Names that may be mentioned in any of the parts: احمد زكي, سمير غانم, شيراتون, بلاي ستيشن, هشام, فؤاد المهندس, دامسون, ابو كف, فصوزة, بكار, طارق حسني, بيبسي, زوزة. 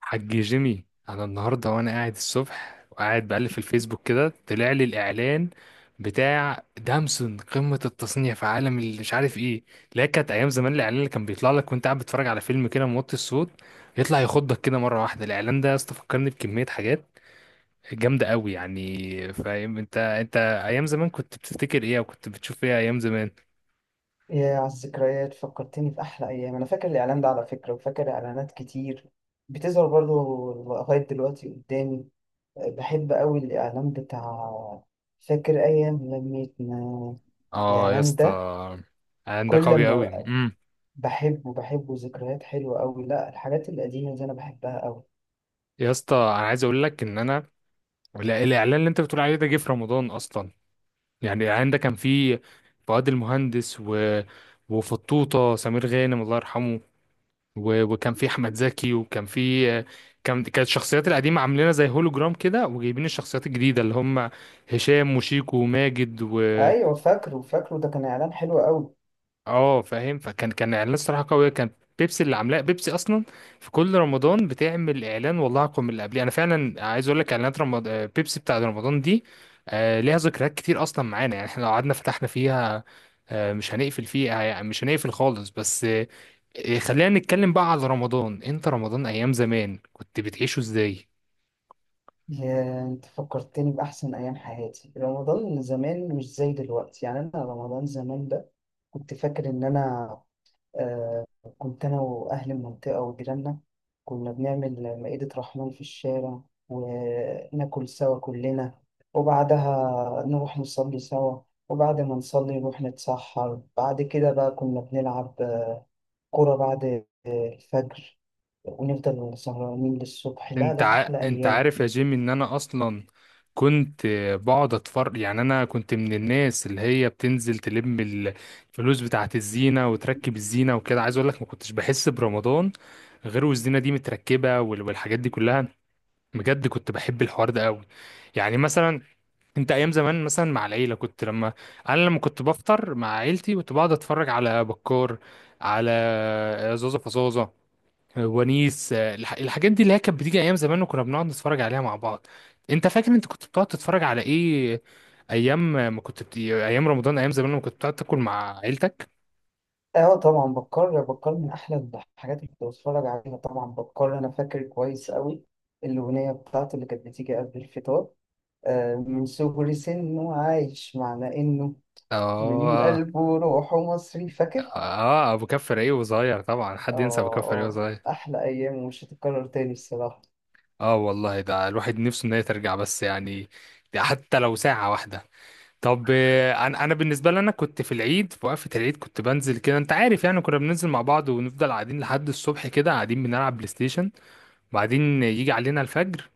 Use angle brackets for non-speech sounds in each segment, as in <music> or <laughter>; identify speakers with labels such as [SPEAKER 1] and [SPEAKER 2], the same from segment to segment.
[SPEAKER 1] حاج جيمي، انا النهارده وانا قاعد الصبح وقاعد بقلب في الفيسبوك كده طلع لي الاعلان بتاع دامسون، قمه التصنيع في عالم اللي مش عارف ايه. لا كانت ايام زمان الاعلان اللي كان بيطلع لك وانت قاعد بتتفرج على فيلم كده موطي الصوت، يطلع يخضك كده مره واحده. الاعلان ده يا اسطى فكرني بكميه حاجات جامده قوي، يعني فاهم؟ انت ايام زمان كنت بتفتكر ايه وكنت بتشوف ايه ايام زمان؟
[SPEAKER 2] يا على الذكريات، فكرتني في أحلى أيام. أنا فاكر الإعلان ده على فكرة، وفاكر إعلانات كتير بتظهر برضه لغاية دلوقتي قدامي. بحب أوي الإعلان بتاع، فاكر أيام لميتنا
[SPEAKER 1] اه يا
[SPEAKER 2] الإعلان
[SPEAKER 1] اسطى،
[SPEAKER 2] ده.
[SPEAKER 1] الإعلان ده
[SPEAKER 2] كل
[SPEAKER 1] قوي قوي.
[SPEAKER 2] ما بحبه، ذكريات حلوة أوي. لا، الحاجات القديمة دي أنا بحبها أوي.
[SPEAKER 1] يا اسطى انا عايز اقول لك ان انا، لا الاعلان اللي انت بتقول عليه ده جه في رمضان اصلا. يعني الاعلان ده كان فيه فؤاد المهندس وفطوطه سمير غانم الله يرحمه، وكان فيه احمد زكي، وكان فيه، كانت الشخصيات القديمه عاملينها زي هولوجرام كده، وجايبين الشخصيات الجديده اللي هم هشام وشيكو وماجد
[SPEAKER 2] أيوة، فاكره فاكره، ده كان إعلان حلو أوي.
[SPEAKER 1] اه فاهم. فكان كان اعلان صراحه قويه، كان بيبسي اللي عاملاه، بيبسي اصلا في كل رمضان بتعمل اعلان والله اقوى من اللي قبليه. انا فعلا عايز اقول لك، اعلانات رمضان، بيبسي بتاع رمضان دي، ليها ذكريات كتير اصلا معانا، يعني احنا لو قعدنا فتحنا فيها مش هنقفل فيها، يعني مش هنقفل خالص. بس خلينا نتكلم بقى على رمضان. انت رمضان ايام زمان كنت بتعيشه ازاي؟
[SPEAKER 2] يا أنت، فكرتني بأحسن أيام حياتي. رمضان زمان مش زي دلوقتي، يعني أنا رمضان زمان ده كنت فاكر إن أنا آه، كنت أنا وأهل المنطقة وجيراننا كنا بنعمل مائدة رحمن في الشارع، وناكل سوا كلنا، وبعدها نروح نصلي سوا، وبعد ما نصلي نروح نتسحر. بعد كده بقى كنا بنلعب كورة بعد الفجر، ونفضل سهرانين للصبح. لا لا، أحلى
[SPEAKER 1] انت
[SPEAKER 2] أيام.
[SPEAKER 1] عارف يا جيمي ان انا اصلا كنت بقعد اتفرج، يعني انا كنت من الناس اللي هي بتنزل تلم الفلوس بتاعت الزينة وتركب الزينة وكده. عايز اقول لك، ما كنتش بحس برمضان غير والزينة دي متركبة، والحاجات دي كلها. بجد كنت بحب الحوار ده قوي. يعني مثلا انت ايام زمان مثلا مع العيلة كنت لما انا لما كنت بفطر مع عيلتي كنت بقعد اتفرج على بكار، على زوزة فصوزة، ونيس. الحاجات دي اللي هي كانت بتيجي ايام زمان، وكنا بنقعد نتفرج عليها مع بعض. انت فاكر انت كنت بتقعد تتفرج على ايه ايام ما كنت ايام رمضان ايام زمان لما كنت بتقعد تاكل مع عيلتك؟
[SPEAKER 2] اه طبعا، بتكرر بتكرر، من احلى الحاجات اللي كنت بتفرج عليها طبعا بتكرر. انا فاكر كويس قوي الاغنيه بتاعته اللي كانت بتيجي قبل الفطار، من صغر سنه عايش معنى إنه من
[SPEAKER 1] اه،
[SPEAKER 2] قلبه وروحه مصري. فاكر؟
[SPEAKER 1] اه، ابو كف رايق وصغير، طبعا.
[SPEAKER 2] آه
[SPEAKER 1] حد ينسى ابو كف رايق وصغير؟
[SPEAKER 2] آه، أحلى أيام ومش هتتكرر تاني الصراحة.
[SPEAKER 1] اه والله، ده الواحد نفسه ان هي ترجع، بس يعني ده حتى لو ساعة واحدة. طب، انا بالنسبة لي، انا كنت في العيد، في وقفة العيد كنت بنزل كده. انت عارف يعني كنا بننزل مع بعض ونفضل قاعدين لحد الصبح، كده قاعدين بنلعب بلاي ستيشن. بعدين يجي علينا الفجر،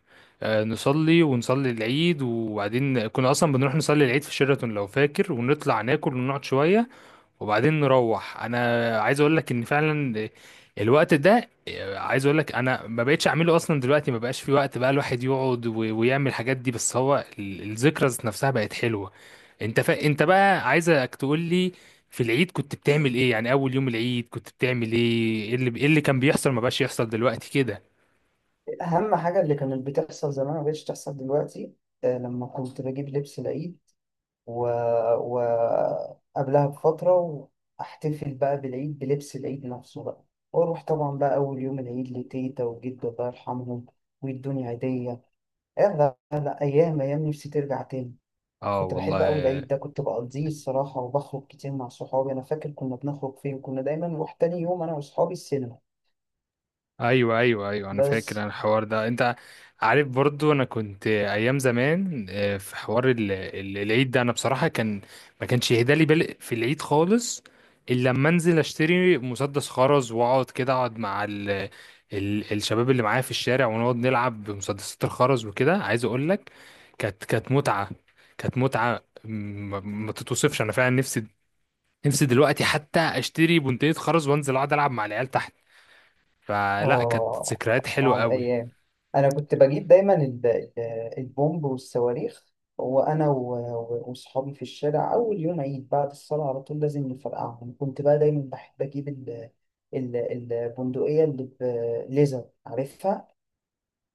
[SPEAKER 1] نصلي ونصلي العيد، وبعدين كنا اصلا بنروح نصلي العيد في شيراتون لو فاكر، ونطلع ناكل ونقعد شوية. وبعدين نروح. انا عايز اقول لك ان فعلا الوقت ده، عايز اقول لك انا ما بقتش اعمله اصلا دلوقتي. ما بقاش في وقت بقى الواحد يقعد ويعمل الحاجات دي. بس هو الذكرى ذات نفسها بقت حلوة. انت بقى عايزك تقول لي، في العيد كنت بتعمل ايه؟ يعني اول يوم العيد كنت بتعمل ايه، ايه اللي كان بيحصل ما بقاش يحصل دلوقتي كده؟
[SPEAKER 2] أهم حاجة اللي كانت بتحصل زمان ما بقتش تحصل دلوقتي. لما كنت بجيب لبس العيد و... و... قبلها بفترة، وأحتفل بقى بالعيد بلبس العيد نفسه بقى، وأروح طبعا بقى أول يوم العيد لتيتا وجدو الله يرحمهم، ويدوني هدية. لا لا، أيام أيام، نفسي ترجع تاني.
[SPEAKER 1] اه
[SPEAKER 2] كنت بحب
[SPEAKER 1] والله.
[SPEAKER 2] أوي العيد ده، كنت بقضيه الصراحة، وبخرج كتير مع صحابي. أنا فاكر كنا بنخرج فين، كنا دايما نروح تاني يوم أنا وصحابي السينما.
[SPEAKER 1] ايوه ايوه ايوه، انا فاكر انا
[SPEAKER 2] بس
[SPEAKER 1] الحوار ده. انت عارف برضو انا كنت ايام زمان في حوار العيد ده، انا بصراحه كان ما كانش يهدالي بالي في العيد خالص، الا لما انزل اشتري مسدس خرز واقعد كده اقعد مع ال ال الشباب اللي معايا في الشارع، ونقعد نلعب بمسدسات الخرز وكده. عايز اقول لك، كانت متعه. كانت متعه ما تتوصفش. انا فعلا نفسي، نفسي دلوقتي حتى اشتري بندقية خرز وانزل اقعد العب مع العيال تحت. فلا كانت
[SPEAKER 2] آه
[SPEAKER 1] ذكريات حلوة
[SPEAKER 2] على
[SPEAKER 1] قوي.
[SPEAKER 2] الأيام. أنا كنت بجيب دايما البومب والصواريخ، وأنا وصحابي في الشارع أول يوم عيد بعد الصلاة على طول لازم نفرقعهم. كنت بقى دايما بحب أجيب ال- البندقية اللي بليزر، عارفها؟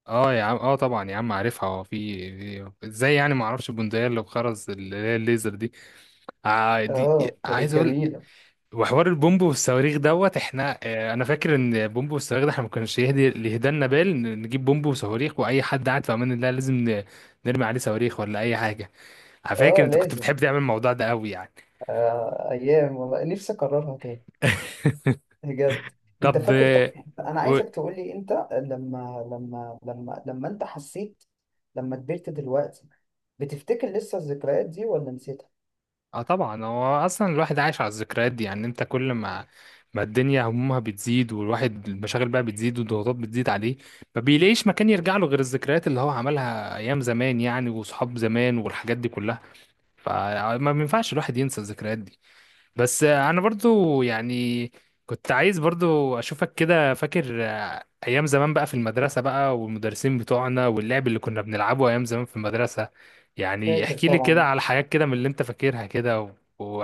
[SPEAKER 1] اه يا عم، اه طبعا يا عم عارفها. هو في ازاي يعني ما اعرفش البندقية اللي بخرز اللي هي الليزر دي؟ آه دي
[SPEAKER 2] آه كانت
[SPEAKER 1] عايز اقول.
[SPEAKER 2] جميلة.
[SPEAKER 1] وحوار البومب والصواريخ دوت احنا، انا فاكر ان بومب والصواريخ ده احنا ما كانش يهدي اللي يهدالنا، نجيب بومب وصواريخ، واي حد قاعد في امان الله لازم نرمي عليه صواريخ ولا اي حاجة. انا فاكر
[SPEAKER 2] آه
[SPEAKER 1] انت كنت
[SPEAKER 2] لازم.
[SPEAKER 1] بتحب تعمل الموضوع ده قوي يعني.
[SPEAKER 2] آه أيام والله، نفسي أكررها تاني
[SPEAKER 1] <laughs>
[SPEAKER 2] بجد. انت
[SPEAKER 1] طب،
[SPEAKER 2] فاكر؟ طب، انا عايزك تقول لي: انت لما انت حسيت لما كبرت دلوقتي، بتفتكر لسه الذكريات دي ولا نسيتها؟
[SPEAKER 1] اه طبعا. هو اصلا الواحد عايش على الذكريات دي، يعني انت كل ما الدنيا همومها بتزيد والواحد المشاغل بقى بتزيد والضغوطات بتزيد عليه، ما بيلاقيش مكان يرجع له غير الذكريات اللي هو عملها ايام زمان يعني، وصحاب زمان والحاجات دي كلها. فما بينفعش الواحد ينسى الذكريات دي. بس انا برضو يعني كنت عايز برضو اشوفك كده فاكر، ايام زمان بقى في المدرسة بقى، والمدرسين بتوعنا، واللعب اللي كنا بنلعبه ايام زمان في المدرسة. يعني
[SPEAKER 2] فاكر
[SPEAKER 1] احكي لي كده
[SPEAKER 2] طبعا،
[SPEAKER 1] على حاجات كده من اللي انت فاكرها كده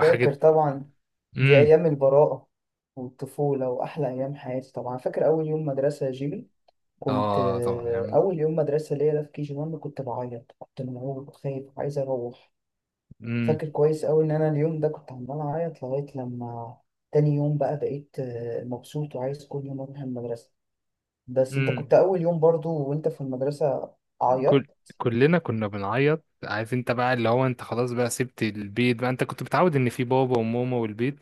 [SPEAKER 2] فاكر طبعا. دي
[SPEAKER 1] امم
[SPEAKER 2] ايام البراءة والطفولة واحلى ايام حياتي طبعا. فاكر اول يوم مدرسة يا جيمي؟ كنت
[SPEAKER 1] اه طبعا يعني.
[SPEAKER 2] اول يوم مدرسة ليا ده في كي جي 1، كنت بعيط، كنت مرعوب وخايف وعايز اروح.
[SPEAKER 1] امم
[SPEAKER 2] فاكر كويس أوي إن أنا اليوم ده كنت عمال أعيط لغاية لما تاني يوم، بقى بقيت مبسوط وعايز كل يوم أروح المدرسة. بس أنت
[SPEAKER 1] امم
[SPEAKER 2] كنت أول يوم برضو وأنت في المدرسة
[SPEAKER 1] كل
[SPEAKER 2] عيطت.
[SPEAKER 1] كلنا كنا بنعيط. عارف انت بقى اللي هو، انت خلاص بقى سبت البيت بقى. انت كنت متعود ان في بابا وماما والبيت،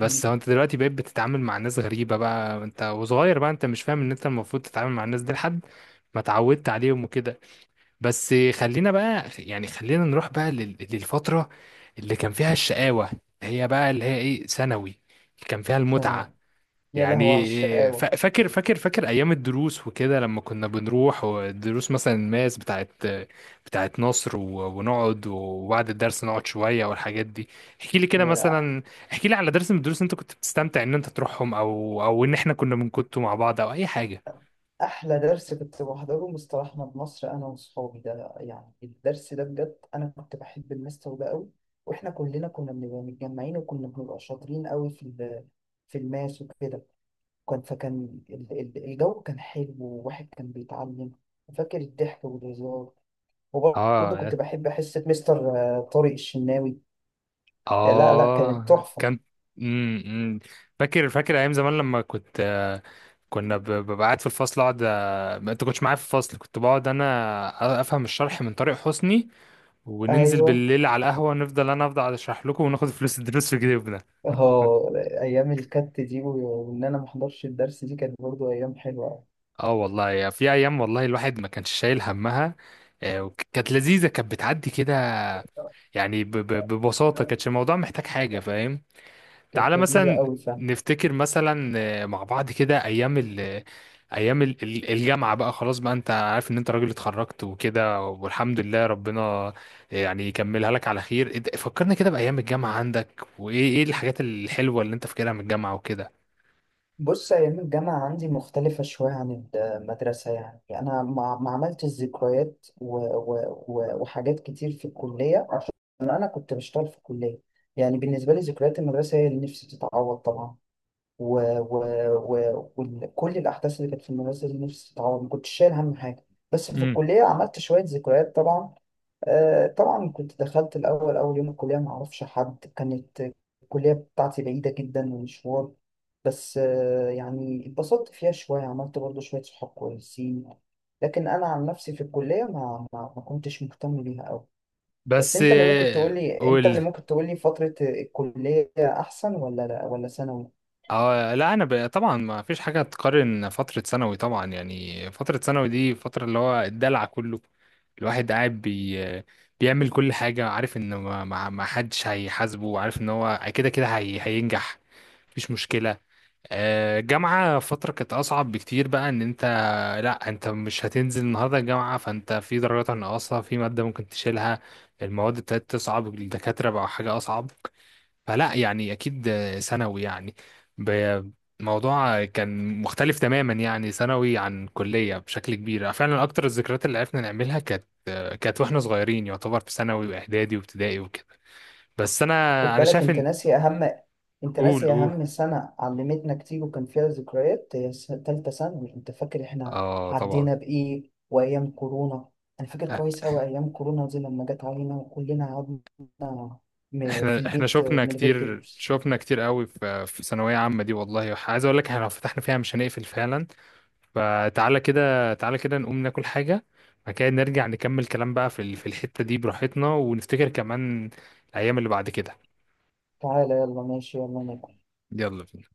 [SPEAKER 2] مم.
[SPEAKER 1] هو انت دلوقتي بقيت بتتعامل مع ناس غريبة بقى، انت وصغير بقى، انت مش فاهم ان انت المفروض تتعامل مع الناس دي لحد ما اتعودت عليهم وكده. بس خلينا بقى يعني، خلينا نروح بقى للفترة اللي كان فيها الشقاوة. هي بقى اللي هي ايه؟ ثانوي اللي كان فيها
[SPEAKER 2] ثانوي.
[SPEAKER 1] المتعة.
[SPEAKER 2] يا لهوي على
[SPEAKER 1] يعني
[SPEAKER 2] الشقاوة.
[SPEAKER 1] فاكر ايام الدروس وكده، لما كنا بنروح والدروس مثلا الماس بتاعت نصر، ونقعد وبعد الدرس نقعد شويه والحاجات دي. احكي لي كده
[SPEAKER 2] يا،
[SPEAKER 1] مثلا، احكي لي على درس من الدروس انت كنت بتستمتع ان انت تروحهم، او ان احنا كنا بنكتوا مع بعض، او اي حاجه.
[SPEAKER 2] أحلى درس كنت بحضره مستر أحمد مصر أنا وصحابي، ده يعني الدرس ده بجد أنا كنت بحب المستر ده أوي. وإحنا كلنا كنا بنبقى متجمعين، وكنا بنبقى شاطرين أوي في في الماس وكده. وكان الجو كان حلو، وواحد كان بيتعلم. وفاكر الضحك والهزار. وبرضه
[SPEAKER 1] اه،
[SPEAKER 2] كنت بحب حصة مستر طارق الشناوي. لا لا، كانت
[SPEAKER 1] اه
[SPEAKER 2] تحفة.
[SPEAKER 1] كان. امم امم. فاكر ايام زمان لما كنت، كنا ببقى قاعد في الفصل، اقعد ما انت كنتش معايا في الفصل، كنت بقعد انا افهم الشرح من طارق حسني، وننزل
[SPEAKER 2] أيوه
[SPEAKER 1] بالليل على القهوه ونفضل انا افضل اشرح لكم، وناخد فلوس الدروس في جيبنا.
[SPEAKER 2] اه، أيام الكت دي وإن أنا محضرش الدرس دي، كانت برضه أيام حلوة.
[SPEAKER 1] اه والله، يا في ايام والله الواحد ما كانش شايل همها. وكانت لذيذه، كانت بتعدي كده. يعني ببساطه كانتش الموضوع محتاج حاجه، فاهم؟
[SPEAKER 2] كانت
[SPEAKER 1] تعالى
[SPEAKER 2] لذيذة
[SPEAKER 1] مثلا
[SPEAKER 2] أوي فعلا.
[SPEAKER 1] نفتكر مثلا، مع بعض كده ايام الجامعه بقى. خلاص بقى انت عارف ان انت راجل اتخرجت وكده، والحمد لله ربنا يعني يكملها لك على خير. فكرنا كده بايام الجامعه عندك، وايه الحاجات الحلوه اللي انت فاكرها من الجامعه وكده.
[SPEAKER 2] بص، أيام الجامعة عندي مختلفة شوية عن المدرسة. يعني أنا ما عملتش ذكريات وحاجات كتير في الكلية، عشان أنا كنت بشتغل في الكلية. يعني بالنسبة لي ذكريات المدرسة هي اللي نفسي تتعوض طبعا، و... و... وكل الأحداث اللي كانت في المدرسة اللي نفسي تتعوض. ما كنتش شايل هم حاجة. بس في
[SPEAKER 1] امم
[SPEAKER 2] الكلية عملت شوية ذكريات طبعا. طبعا كنت دخلت الأول أول يوم الكلية ما أعرفش حد. كانت الكلية بتاعتي بعيدة جدا ومشوار. بس يعني اتبسطت فيها شوية، عملت برضو شوية صحاب كويسين. لكن أنا عن نفسي في الكلية ما كنتش مهتم بيها أوي. بس
[SPEAKER 1] بس
[SPEAKER 2] أنت اللي ممكن تقولي أنت اللي
[SPEAKER 1] قول.
[SPEAKER 2] ممكن تقولي فترة الكلية أحسن، ولا لا، ولا ثانوي؟
[SPEAKER 1] اه لا، طبعا ما فيش حاجه تقارن فتره ثانوي طبعا. يعني فتره ثانوي دي فتره اللي هو الدلع كله. الواحد قاعد بيعمل كل حاجه، عارف ان ما حدش هيحاسبه، عارف ان هو كده كده هينجح. مفيش مشكله. جامعه فتره كانت اصعب بكتير بقى. ان انت، لا انت مش هتنزل النهارده الجامعه، فانت في درجات ناقصه في ماده ممكن تشيلها. المواد ابتدت تصعب، الدكاتره بقى حاجه اصعب. فلا يعني اكيد ثانوي يعني، ب- الموضوع كان مختلف تماما، يعني ثانوي عن كليه بشكل كبير. فعلا اكتر الذكريات اللي عرفنا نعملها كانت واحنا صغيرين يعتبر، في ثانوي واعدادي وابتدائي وكده. بس
[SPEAKER 2] خد
[SPEAKER 1] انا
[SPEAKER 2] بالك
[SPEAKER 1] شايف
[SPEAKER 2] انت
[SPEAKER 1] ان،
[SPEAKER 2] ناسي اهم انت
[SPEAKER 1] قول
[SPEAKER 2] ناسي
[SPEAKER 1] قول.
[SPEAKER 2] اهم سنة علمتنا كتير وكان فيها ذكريات، هي تالتة ثانوي. انت فاكر احنا
[SPEAKER 1] اه طبعا.
[SPEAKER 2] عدينا بايه وايام كورونا؟ انا فاكر كويس اوي ايام كورونا دي لما جت علينا، وكلنا قعدنا في
[SPEAKER 1] احنا
[SPEAKER 2] البيت
[SPEAKER 1] شفنا
[SPEAKER 2] من غير
[SPEAKER 1] كتير،
[SPEAKER 2] دروس.
[SPEAKER 1] شفنا كتير قوي في ثانويه عامه دي والله. عايز اقول لك احنا لو فتحنا فيها مش هنقفل فعلا. فتعالى كده، تعالى كده نقوم ناكل حاجة، بعد كده نرجع نكمل كلام بقى في في الحتة دي براحتنا، ونفتكر كمان الأيام اللي بعد كده.
[SPEAKER 2] تعالى يلا، ماشي يلا ناكل.
[SPEAKER 1] يلا بينا.